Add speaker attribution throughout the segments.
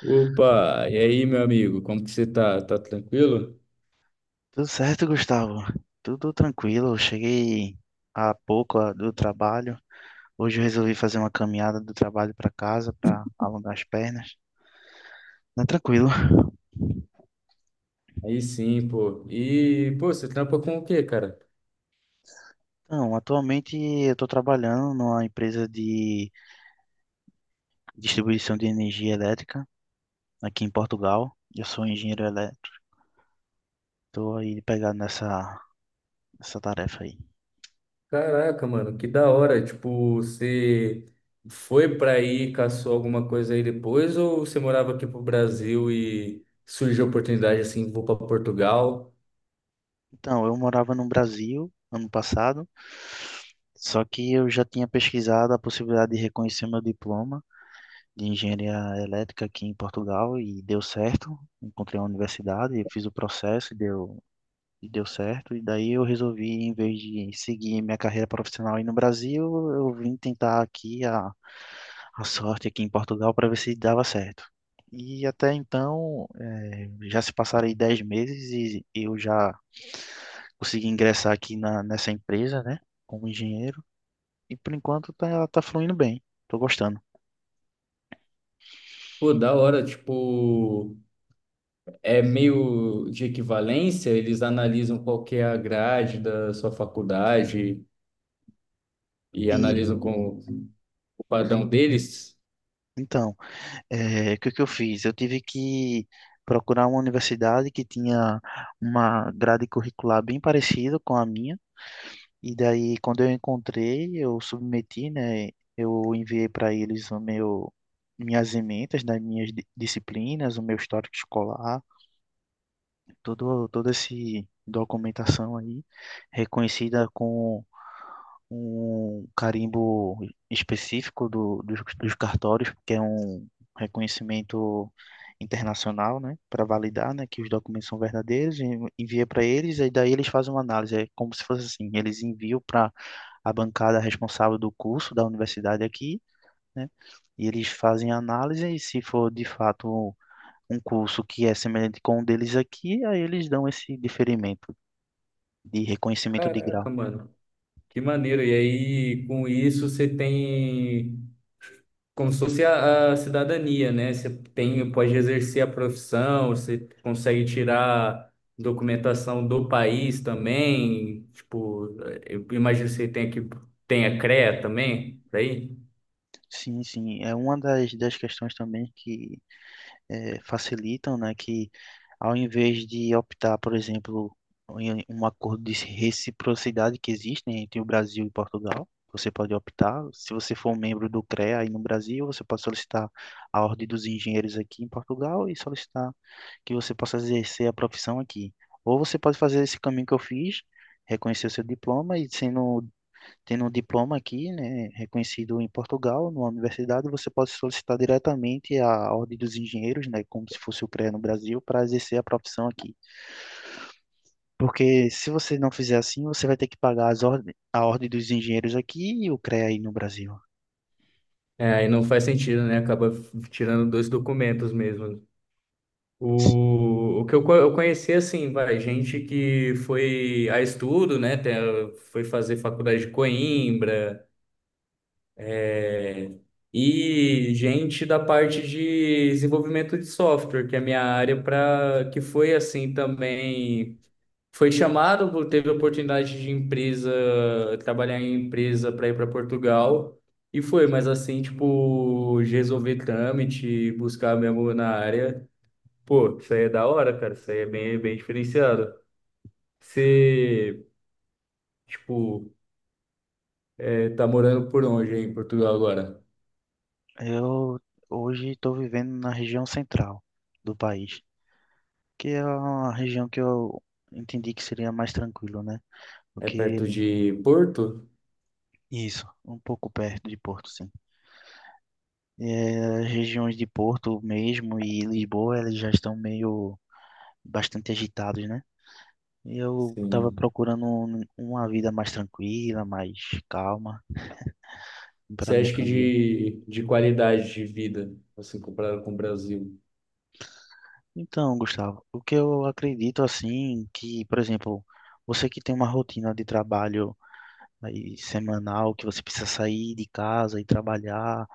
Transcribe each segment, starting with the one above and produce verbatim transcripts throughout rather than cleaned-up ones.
Speaker 1: Opa, e aí, meu amigo, como que você tá? Tá tranquilo?
Speaker 2: Tudo certo, Gustavo? Tudo tranquilo. Eu cheguei há pouco ah, do trabalho. Hoje eu resolvi fazer uma caminhada do trabalho para casa para alongar as pernas. Tá tranquilo.
Speaker 1: Aí sim, pô. E, pô, você trampa com o quê, cara?
Speaker 2: Então, atualmente eu estou trabalhando numa empresa de distribuição de energia elétrica aqui em Portugal. Eu sou engenheiro elétrico. Estou aí pegado nessa, nessa tarefa aí.
Speaker 1: Caraca, mano, que da hora. Tipo, você foi pra aí, caçou alguma coisa aí depois, ou você morava aqui pro Brasil e surgiu a oportunidade assim, vou pra Portugal?
Speaker 2: Então, eu morava no Brasil ano passado, só que eu já tinha pesquisado a possibilidade de reconhecer meu diploma de engenharia elétrica aqui em Portugal e deu certo. Encontrei uma universidade, eu fiz o processo e deu, e deu certo. E daí eu resolvi, em vez de seguir minha carreira profissional aí no Brasil, eu vim tentar aqui a, a sorte aqui em Portugal para ver se dava certo. E até então, eh, já se passaram aí dez meses e eu já consegui ingressar aqui na, nessa empresa, né, como engenheiro. E por enquanto tá, tá fluindo bem, tô gostando.
Speaker 1: Pô, da hora, tipo, é meio de equivalência, eles analisam qual que é a grade da sua faculdade e
Speaker 2: E
Speaker 1: analisam com o padrão deles.
Speaker 2: então, É, o que que eu fiz? Eu tive que procurar uma universidade que tinha uma grade curricular bem parecida com a minha, e daí quando eu encontrei, eu submeti, né? Eu enviei para eles o meu minhas ementas das minhas di- disciplinas, o meu histórico escolar, todo toda essa documentação aí reconhecida com um carimbo específico do, dos, dos cartórios, que é um reconhecimento internacional, né, para validar, né, que os documentos são verdadeiros, e envia para eles, e daí eles fazem uma análise, é como se fosse assim, eles enviam para a bancada responsável do curso da universidade aqui, né, e eles fazem a análise, e se for de fato um curso que é semelhante com o deles aqui, aí eles dão esse diferimento de reconhecimento de
Speaker 1: Caraca,
Speaker 2: grau.
Speaker 1: mano, que maneiro. E aí, com isso, você tem como se fosse a, a cidadania, né? Você tem, pode exercer a profissão, você consegue tirar documentação do país também. Tipo, eh, eu imagino que você tem que tenha CREA também, por aí.
Speaker 2: Sim, sim. É uma das, das questões também que eh, facilitam, né? Que, ao invés de optar, por exemplo, em um acordo de reciprocidade que existe, né, entre o Brasil e Portugal, você pode optar, se você for um membro do CREA aí no Brasil, você pode solicitar a Ordem dos Engenheiros aqui em Portugal e solicitar que você possa exercer a profissão aqui. Ou você pode fazer esse caminho que eu fiz, reconhecer o seu diploma e sendo, tendo um diploma aqui, né, reconhecido em Portugal, numa universidade, você pode solicitar diretamente a Ordem dos Engenheiros, né, como se fosse o CREA no Brasil, para exercer a profissão aqui. Porque se você não fizer assim, você vai ter que pagar as ordem, a Ordem dos Engenheiros aqui e o CREA aí no Brasil.
Speaker 1: É, aí não faz sentido, né? Acaba f- tirando dois documentos mesmo. O, o que eu, co- eu conheci, assim, vai, gente que foi a estudo, né? tem- Foi fazer faculdade de Coimbra, é, e gente da parte de desenvolvimento de software, que é a minha área, para que foi assim também. Foi chamado, teve oportunidade de empresa, trabalhar em empresa para ir para Portugal, e foi, mas assim, tipo, de resolver trâmite, buscar mesmo na área. Pô, isso aí é da hora, cara. Isso aí é bem, bem diferenciado. Você, tipo, é, tá morando por onde aí em Portugal agora?
Speaker 2: Eu hoje estou vivendo na região central do país, que é uma região que eu entendi que seria mais tranquilo, né?
Speaker 1: É
Speaker 2: Porque
Speaker 1: perto de Porto?
Speaker 2: isso, um pouco perto de Porto, sim. É, as regiões de Porto mesmo e Lisboa, elas já estão meio bastante agitados, né? E eu estava
Speaker 1: Sim.
Speaker 2: procurando um- uma vida mais tranquila, mais calma para
Speaker 1: Você
Speaker 2: minha
Speaker 1: acha que
Speaker 2: família.
Speaker 1: de, de qualidade de vida, assim, comparado com o Brasil?
Speaker 2: Então, Gustavo, o que eu acredito assim, que, por exemplo, você que tem uma rotina de trabalho aí semanal, que você precisa sair de casa e trabalhar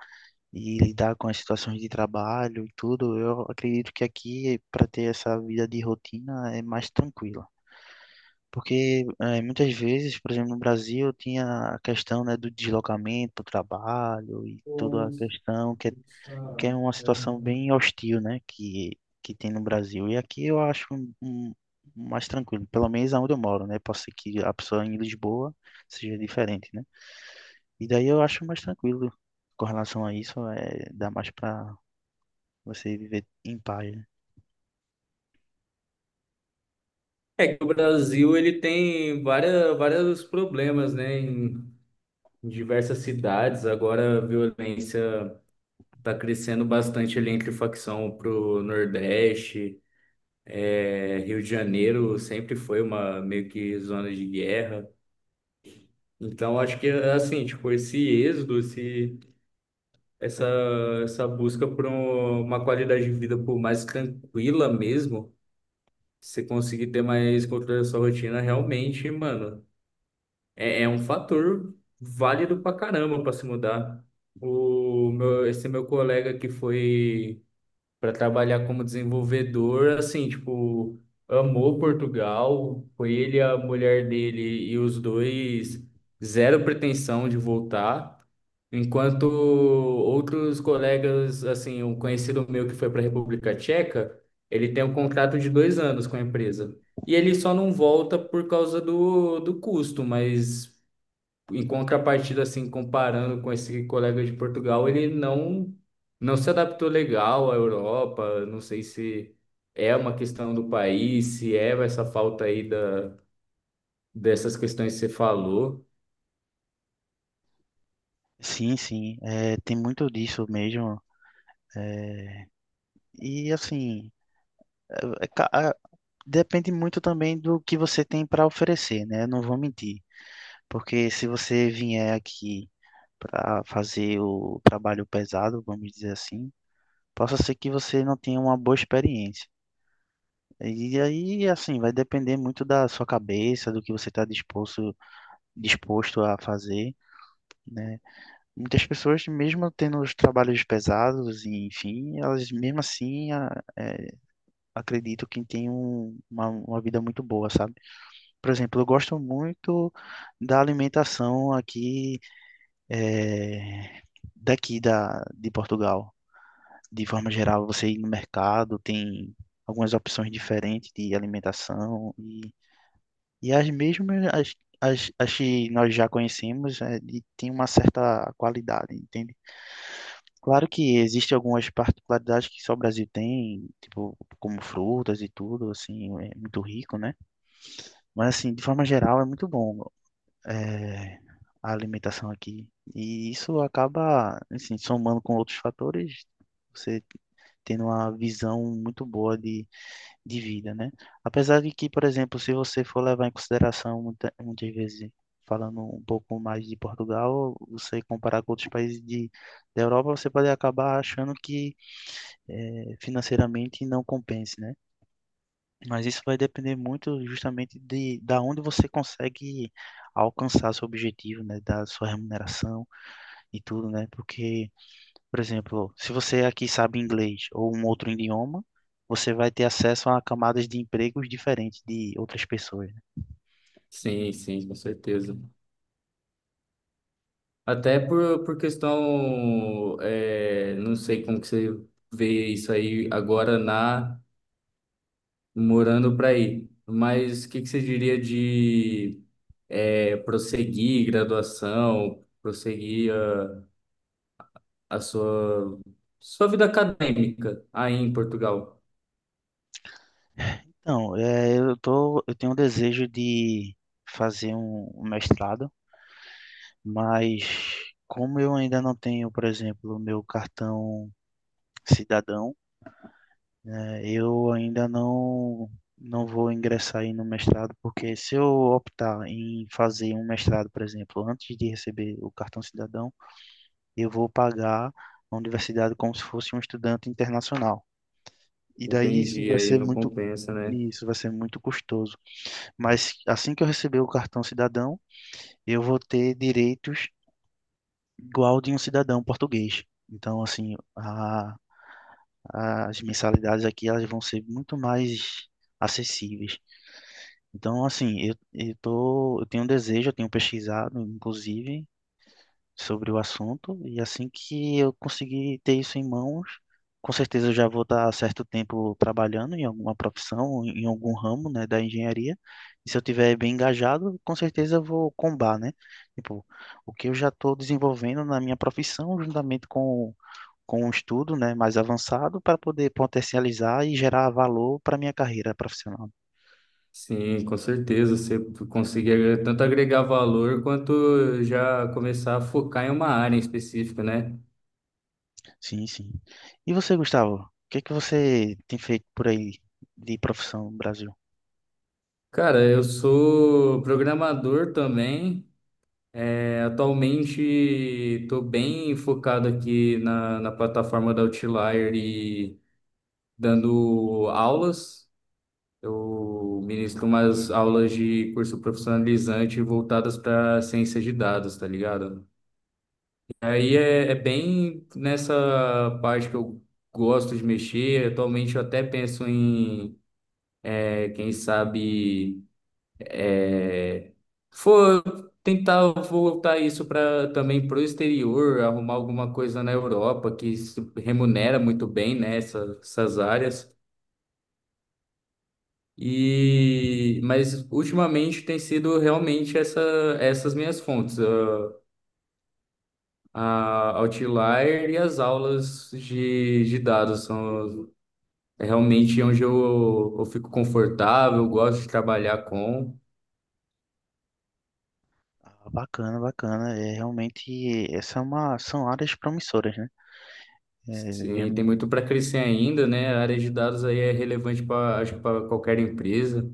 Speaker 2: e lidar com as situações de trabalho e tudo, eu acredito que aqui, para ter essa vida de rotina, é mais tranquila. Porque eh, muitas vezes, por exemplo, no Brasil, tinha a questão, né, do deslocamento para o trabalho e toda a questão que é, que é uma situação bem hostil, né, que, que tem no Brasil. E aqui eu acho um, um- mais tranquilo, pelo menos aonde eu moro, né? Pode ser que a pessoa em Lisboa seja diferente, né? E daí eu acho mais tranquilo com relação a isso, é, dá mais para você viver em paz, né?
Speaker 1: É que o Brasil ele tem várias, vários problemas, né? Em diversas cidades. Agora a violência tá crescendo bastante ali entre facção pro Nordeste. É, Rio de Janeiro sempre foi uma meio que zona de guerra. Então acho que assim, tipo, esse êxodo, esse, essa, essa busca por um- uma qualidade de vida por mais tranquila mesmo, você conseguir ter mais controle da sua rotina, realmente, mano, é, é um fator válido pra caramba pra se mudar. O meu, esse meu colega que foi para trabalhar como desenvolvedor, assim, tipo, amou Portugal, foi ele, a mulher dele e os dois, zero pretensão de voltar. Enquanto outros colegas, assim, um conhecido meu que foi para a República Tcheca, ele tem um contrato de dois anos com a empresa. E ele só não volta por causa do, do custo, mas em contrapartida, assim, comparando com esse colega de Portugal, ele não não se adaptou legal à Europa. Não sei se é uma questão do país, se é essa falta aí da, dessas questões que você falou.
Speaker 2: Sim, sim, é, tem muito disso mesmo. E assim, é, é ca- a- depende muito também do que você tem para oferecer, né? Não vou mentir, porque se você vier aqui para fazer o trabalho pesado, vamos dizer assim, possa ser que você não tenha uma boa experiência. E aí, assim, vai depender muito da sua cabeça, do que você está disposto, disposto a fazer, né? Muitas pessoas, mesmo tendo os trabalhos pesados, e, enfim, elas mesmo assim a- acredito que têm um- uma, uma vida muito boa, sabe? Por exemplo, eu gosto muito da alimentação aqui, eh, daqui da, de Portugal. De forma geral, você ir no mercado, tem algumas opções diferentes de alimentação e, e as mesmas as, as, as que nós já conhecemos, eh, e tem uma certa qualidade, entende? Claro que existem algumas particularidades que só o Brasil tem, tipo, como frutas e tudo, assim, é muito rico, né? Mas, assim, de forma geral, é muito bom, é, a alimentação aqui. E isso acaba, assim, somando com outros fatores, você tendo uma visão muito boa de, de vida, né? Apesar de que, por exemplo, se você for levar em consideração, muita, muitas vezes, falando um pouco mais de Portugal, você comparar com outros países de, da Europa, você pode acabar achando que eh, financeiramente não compense, né? Mas isso vai depender muito justamente de da onde você consegue alcançar seu objetivo, né? Da sua remuneração e tudo, né? Porque, por exemplo, se você aqui sabe inglês ou um outro idioma, você vai ter acesso a camadas de empregos diferentes de outras pessoas, né?
Speaker 1: Sim, sim, com certeza. Até por, por questão, é, não sei como que você vê isso aí agora na morando para aí, mas o que que você diria de é, prosseguir graduação, prosseguir a, a sua, sua vida acadêmica aí em Portugal?
Speaker 2: Então, eh, eu tô, eu tenho um desejo de fazer um um mestrado, mas como eu ainda não tenho, por exemplo, o meu cartão cidadão, né? Eu ainda não não vou ingressar aí no mestrado, porque se eu optar em fazer um mestrado, por exemplo, antes de receber o cartão cidadão, eu vou pagar a universidade como se fosse um estudante internacional. E daí isso
Speaker 1: Entendi,
Speaker 2: vai
Speaker 1: aí
Speaker 2: ser
Speaker 1: não
Speaker 2: muito
Speaker 1: compensa, né?
Speaker 2: isso vai ser muito custoso. Mas assim que eu receber o cartão cidadão, eu vou ter direitos igual de um cidadão português. Então, assim, a, as mensalidades aqui elas vão ser muito mais acessíveis. Então, assim, eu, eu tô, eu tenho um desejo, eu tenho pesquisado, inclusive, sobre o assunto, e assim que eu conseguir ter isso em mãos, com certeza eu já vou estar há certo tempo trabalhando em alguma profissão, em algum ramo, né, da engenharia, e se eu tiver bem engajado, com certeza eu vou combar, né? Tipo, o que eu já estou desenvolvendo na minha profissão, juntamente com, com um estudo, né, mais avançado, para poder potencializar e gerar valor para minha carreira profissional.
Speaker 1: Sim, com certeza. Você conseguir agre- tanto agregar valor quanto já começar a focar em uma área em específico, né?
Speaker 2: Sim, sim. E você, Gustavo, o que é que você tem feito por aí de profissão no Brasil?
Speaker 1: Cara, eu sou programador também. É, atualmente estou bem focado aqui na, na plataforma da Outlier e dando aulas. Eu ministro umas aulas de curso profissionalizante voltadas para ciência de dados, tá ligado? E aí é, é bem nessa parte que eu gosto de mexer. Atualmente eu até penso em, é, quem sabe é, for tentar voltar isso para também para o exterior, arrumar alguma coisa na Europa que se remunera muito bem, né, essa- essas áreas. E mas ultimamente tem sido realmente essa, essas minhas fontes, a, a Outlier e as aulas de, de dados são é realmente onde eu, eu fico confortável, gosto de trabalhar com.
Speaker 2: Ah, bacana, bacana. É realmente, essa é uma, são áreas promissoras, né? É,
Speaker 1: Sim, tem
Speaker 2: vemos-
Speaker 1: muito para crescer ainda, né? A área de dados aí é relevante para, acho que para qualquer empresa.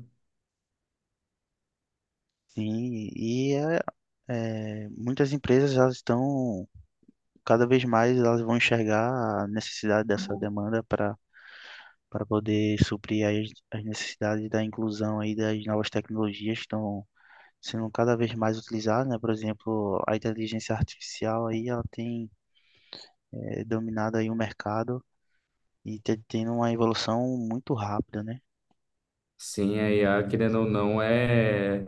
Speaker 2: sim, e é, é, muitas empresas elas estão cada vez mais elas vão enxergar a necessidade dessa demanda para para poder suprir aí as, as necessidades da inclusão aí das novas tecnologias que estão sendo cada vez mais utilizadas, né? Por exemplo, a inteligência artificial aí ela tem eh, dominado aí o mercado e te- tendo uma evolução muito rápida, né?
Speaker 1: Sim, a I A, querendo ou não, é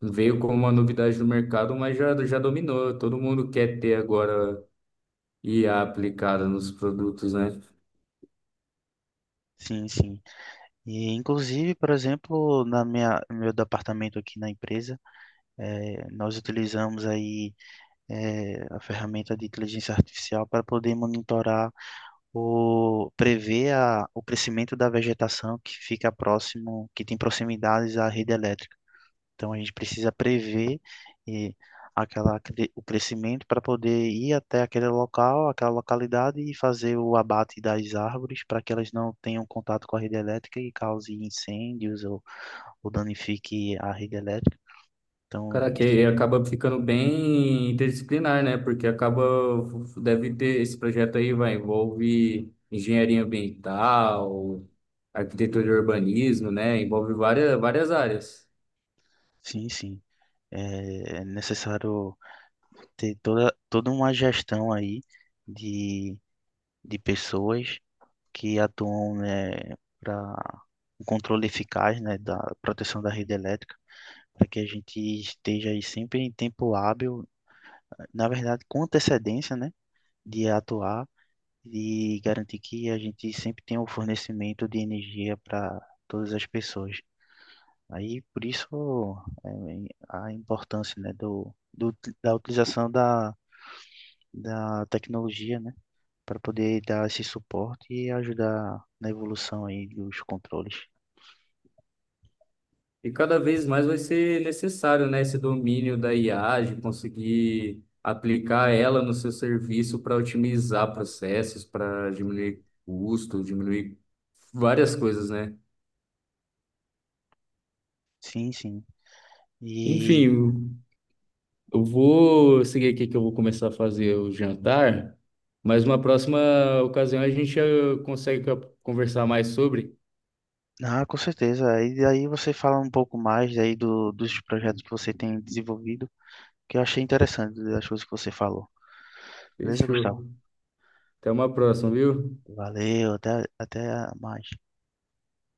Speaker 1: veio como uma novidade no mercado, mas já, já dominou. Todo mundo quer ter agora I A aplicada nos produtos, né?
Speaker 2: Sim, sim. E inclusive, por exemplo, na minha no meu departamento aqui na empresa, eh, nós utilizamos aí eh, a ferramenta de inteligência artificial para poder monitorar o prever a, o crescimento da vegetação que fica próximo, que tem proximidades à rede elétrica. Então a gente precisa prever e aquela, cre- o crescimento para poder ir até aquele local, aquela localidade e fazer o abate das árvores para que elas não tenham contato com a rede elétrica e cause incêndios ou, ou danifique a rede elétrica. Então
Speaker 1: Cara,
Speaker 2: isso,
Speaker 1: que acaba ficando bem interdisciplinar, né? Porque acaba, deve ter, esse projeto aí vai envolve engenharia ambiental, arquitetura e urbanismo, né? Envolve várias, várias áreas.
Speaker 2: sim, sim, é é necessário ter toda, toda uma gestão aí de, de pessoas que atuam, né, para um controle eficaz, né, da proteção da rede elétrica, para que a gente esteja aí sempre em tempo hábil, na verdade, com antecedência, né, de atuar e garantir que a gente sempre tenha o fornecimento de energia para todas as pessoas. Aí, por isso, é, a importância, né, do, do, da utilização da, da tecnologia, né, para poder dar esse suporte e ajudar na evolução aí dos controles.
Speaker 1: E cada vez mais vai ser necessário, né, esse domínio da I A, de conseguir aplicar ela no seu serviço para otimizar processos, para diminuir custo, diminuir várias coisas, né?
Speaker 2: Sim, sim. E
Speaker 1: Enfim, eu vou seguir aqui que eu vou começar a fazer o jantar, mas uma próxima ocasião a gente eh, consegue co- conversar mais sobre.
Speaker 2: ah, com certeza. E aí você fala um pouco mais aí do, dos projetos que você tem desenvolvido, que eu achei interessante das coisas que você falou. Beleza, Gustavo?
Speaker 1: Fechou. Até uma próxima, viu?
Speaker 2: Valeu, até, até mais.